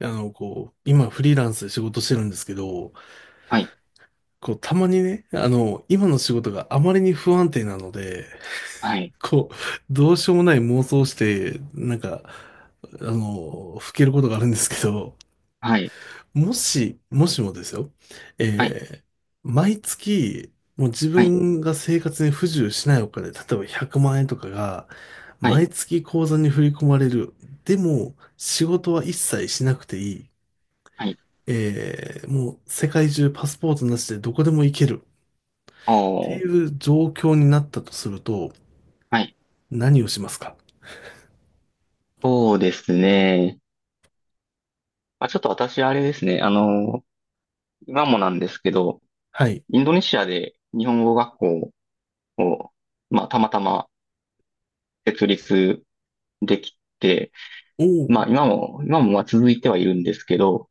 こう、今フリーランスで仕事してるんですけど、はい、こう、たまにね、今の仕事があまりに不安定なので、はい、こう、どうしようもない妄想をして、なんか、ふけることがあるんですけど、はい、もし、もしもですよ、はい、えー毎月、もう自はい、分が生活に不自由しないお金、例えば100万円とかが、は毎い、月口座に振り込まれる。でも、仕事は一切しなくていい。はい、もう世界中パスポートなしでどこでも行けるおっていー、う状況になったとすると、はい、何をしますか？そうですね。まあ、ちょっと私、あれですね、今もなんですけど、はい。インドネシアで日本語学校を、まあ、たまたま設立できて、おお、まあ、今もまあ続いてはいるんですけど、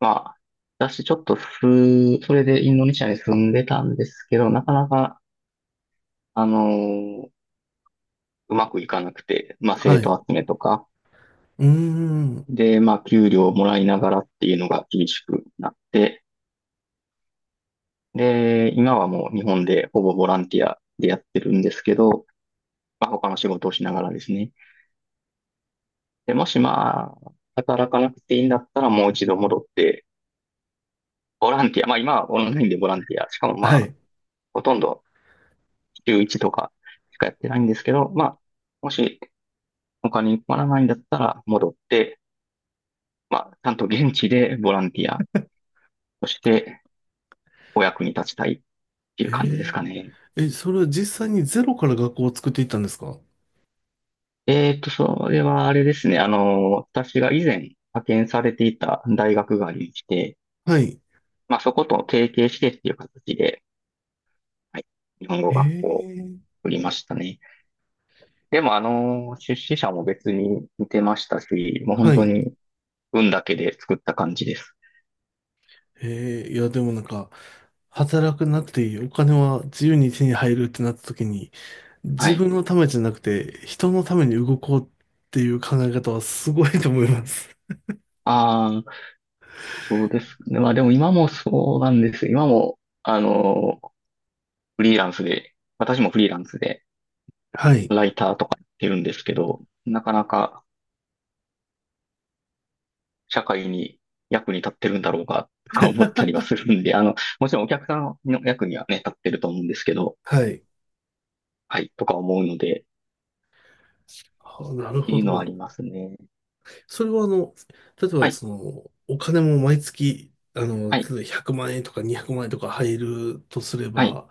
まあ、私、ちょっとす、それでインドネシアに住んでたんですけど、なかなか、あの、うまくいかなくて、まあ、は生い。徒集めとか、うーん、で、まあ、給料をもらいながらっていうのが厳しくなって、で、今はもう日本でほぼボランティアでやってるんですけど、まあ、他の仕事をしながらですね。で、もしまあ、働かなくていいんだったらもう一度戻って、ボランティア、まあ今はオンラインでボランティア、しかもまはあ、い。ほとんど週1とかしかやってないんですけど、まあ、もしお金に困らないんだったら戻って、まあ、ちゃんと現地でボランティアとしてお役に立ちたいっていうへ感じですかね。え、え、それは実際にゼロから学校を作っていったんですか？それはあれですね。私が以前派遣されていた大学がありまして、はい。まあそこと提携してっていう形で、はい、日本語へ学校をえ、作りましたね。でも出資者も別に似てましたし、もう本は当い。に運だけで作った感じです。へえ、いや、でもなんか、働くなくていい、お金は自由に手に入るってなった時に、は自い。分のためじゃなくて、人のために動こうっていう考え方はすごいと思います。ああ、そうですね。まあでも今もそうなんです。今も、フリーランスで、私もフリーランスで、はい。ライターとかやってるんですけど、なかなか社会に役に立ってるんだろうか、とか思ったりはするんで、もちろんお客さんの役にはね、立ってると思うんですけど、はい。はい、とか思うので、っあ、なるてほいうのはありど。ますね。それは例えはばい、その、お金も毎月、は例い、えば100万円とか200万円とか入るとすれはい、ば、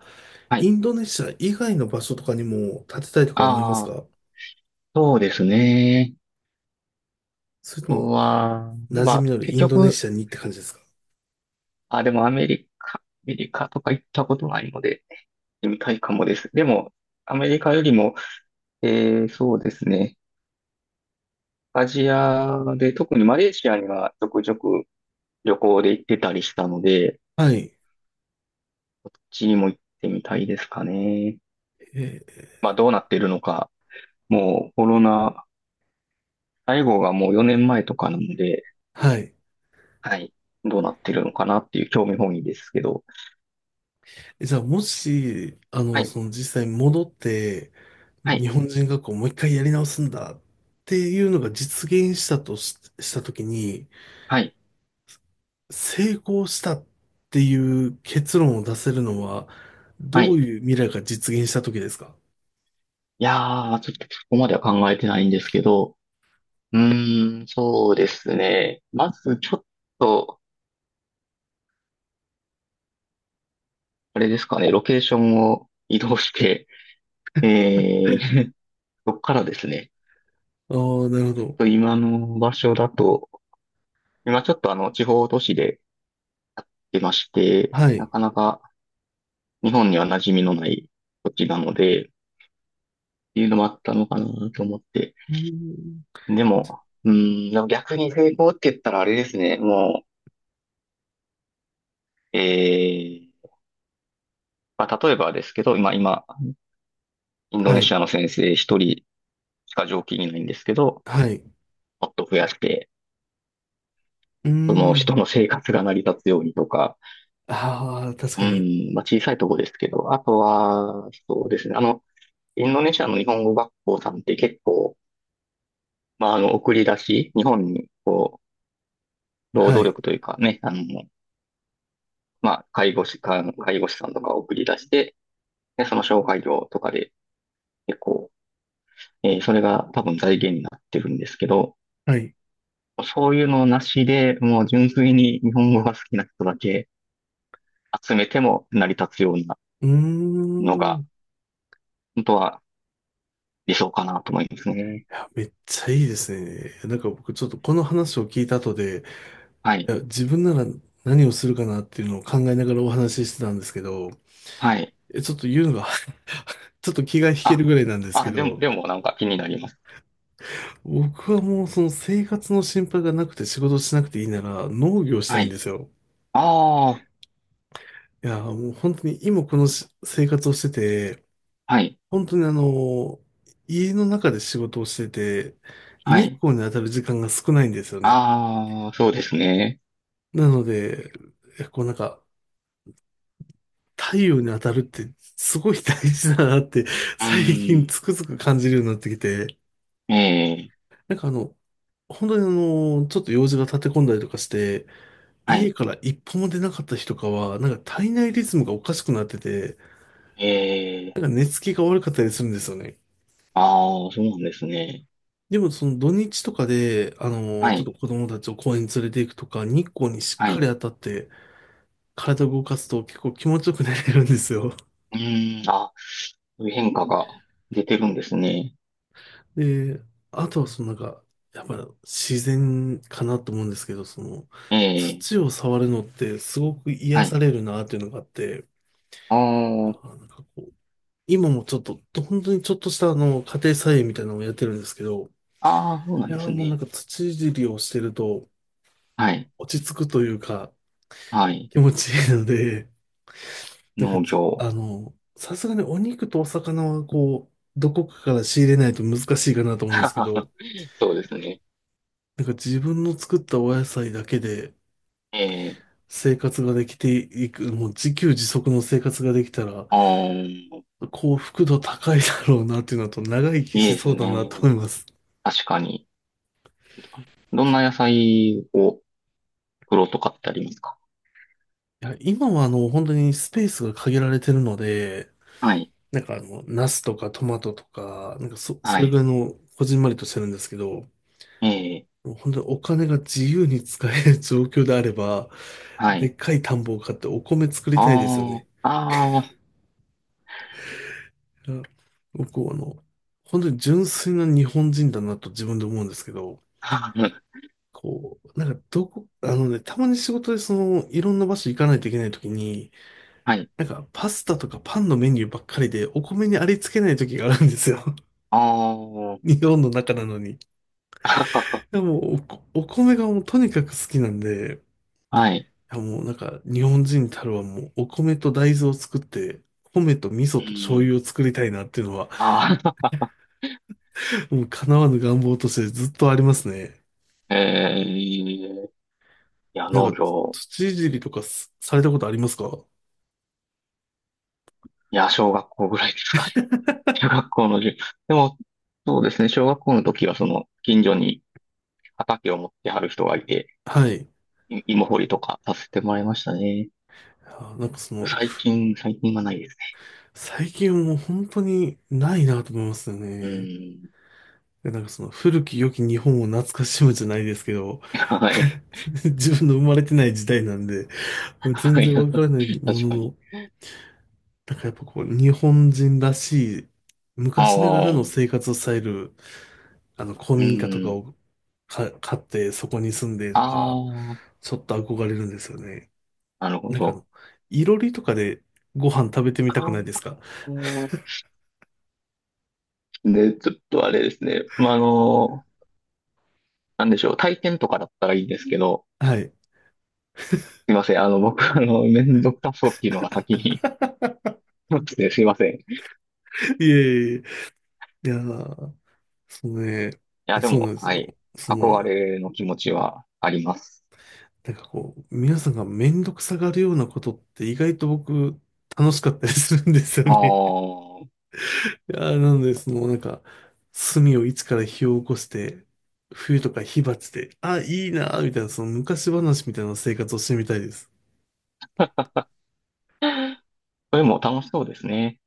はイい。ンドネシア以外の場所とかにも建てたいとか思いますあか？あ、そうですね。それとあとも、は、馴ま染あ、みのあるイ結ンドネ局、シアにって感じですか？あ、でもアメリカとか行ったことないので、行ってみたいかもです。でも、アメリカよりも、そうですね。アジアで、特にマレーシアにはちょくちょく旅行で行ってたりしたので、はい。こっちにも行ってみたいですかね。えーまあどうなってるのか、もうコロナ、最後がもう4年前とかなので、はい。はい、どうなってるのかなっていう興味本位ですけど、じゃあ、もし、はい、その実際に戻って、は日い、本人学校をもう一回やり直すんだっていうのが実現したとし、したときに、はい、成功したっていう結論を出せるのは、はどうい。いう未来が実現した時ですか？いやー、ちょっとそこまでは考えてないんですけど、うーん、そうですね。まずちょっと、あれですかね、ロケーションを移動して、えー、そこからですね、ああー、なるほど。今の場所だと、今ちょっとあの地方都市で、やってまして、はない。かなか日本には馴染みのない土地なので、っていうのもあったのかなと思って。うーんでじも、うーん、でも逆に成功って言ったらあれですね。もう、まあ、例えばですけど、今、インドはネシい。アの先生一人しか常勤いないんですけど、はい。もっと増やして、うーその人ん。の生活が成り立つようにとか、ああ、確うかに。ん、まあ、小さいとこですけど、あとは、そうですね。インドネシアの日本語学校さんって結構、まあ、送り出し、日本に、こう、労は働い。力というかね、まあ、介護士、か介護士さんとかを送り出して、で、その紹介料とかで、結構、それが多分財源になってるんですけど、はい。そういうのなしで、もう純粋に日本語が好きな人だけ集めても成り立つようなうーのん。が、い本当は理想かなと思いますね。や、めっちゃいいですね。なんか僕ちょっとこの話を聞いた後で、はいい。や、自分なら何をするかなっていうのを考えながらお話ししてたんですけど、はい。ちょっと言うのが ちょっと気が引けあ、るぐらいなんですけあ、でも、ど、でもなんか気になります。僕はもうその生活の心配がなくて仕事しなくていいなら農業したはいんでい。すよ。ああ、いや、もう本当に今この生活をしてて、はい。本当に家の中で仕事をしてて、は日い。光に当たる時間が少ないんですよね。ああ、そうですね。なので、こうなんか、太陽に当たるってすごい大事だなってう最近ん。つくづく感じるようになってきて、ええ、なんか本当にちょっと用事が立て込んだりとかして、は家い。から一歩も出なかった日とかは、なんか体内リズムがおかしくなってて、ええ、なんか寝つきが悪かったりするんですよね。ああ、そうなんですね。でもその土日とかで、はちょっい、と子供たちを公園に連れて行くとか、日光にしっはかい。り当たって、体を動かすと結構気持ちよく寝れるんですよ。うーん、あ、そういう変化が出てるんですね。で、あとはそのなんか、やっぱ自然かなと思うんですけど、その、ええ、土を触るのってすごく癒はさい。れるなっていうのがあって、あーなんかこう、今もちょっと、本当にちょっとした家庭菜園みたいなのをやってるんですけど、あー、そうないんでやすーもうなんね。か土いじりをしてるとはい、落ち着くというかはい。気持ちいいので、なんか農業。さすがにお肉とお魚はこう、どこかから仕入れないと難しいかなと思うんですけど、そうですね。なんか自分の作ったお野菜だけでええ、生活ができていく、もう自給自足の生活ができたらああ、い幸福度高いだろうなっていうのと長生きいしですそうだなとね。思います。確かに。どんな野菜を作ろうとかってありますか？いや、今は本当にスペースが限られてるので、はい、なんかナスとかトマトとか、なんかそ、はそれぐい。らいの、こじんまりとしてるんですけど、ええ、本当にお金が自由に使える状況であれば、はでい。っかい田んぼを買ってお米作りたいですよあね。あ、あいや僕は本当に純粋な日本人だなと自分で思うんですけど、あ。こう、なんかあのね、たまに仕事でその、いろんな場所行かないといけないときに、はい。なんか、パスタとかパンのメニューばっかりで、お米にありつけない時があるんですよ。あ日本の中なのに。いあ。やもうお米がもうとにかく好きなんで、いはい。やもうなんか、日本人たるはもう、お米と大豆を作って、米と味噌うと醤ん。油を作りたいなっていうのは、ああ。もう叶わぬ願望としてずっとありますね。ええいや、なん農か、業。土いじりとかすされたことありますか？いや、小学校ぐらいですかね。中学校の授でも、そうですね。小学校の時は、近所に畑を持ってはる人がいて、はい。芋掘りとかさせてもらいましたね。あなんかその、最近、最近はないです最近はもう本当にないなと思いますよね。うね。ん。で、なんかその古き良き日本を懐かしむじゃないですけど、はい。自分の生まれてない時代なんで、全はい。然わからない も確のかに。の、なんかやっぱこう、日本人らしい、あ昔ながらのあ。生活スタイル、古う民家とかん。を買って、そこに住んでとあか、あ。ちょっと憧れるんですよね。なるほなんかど。いろりとかでご飯食べてみあたくあ。ないですか？ で、ちょっとあれですね。まあ、なんでしょう。体験とかだったらいいんですけど、はい。すいません。僕、めんどくさそうっていうのが先に、ってすいません。いいえいえいえ、いやー、そうね、や、でそうなも、んですはい。よ。そ憧の、れの気持ちはあります。なんかこう、皆さんがめんどくさがるようなことって意外と僕楽しかったりするんですよああ、ね。そ いやーなので、そのなんか、炭を一から火を起こして、冬とか火鉢で、あ、いいなーみたいな、その昔話みたいな生活をしてみたいです。れも楽しそうですね。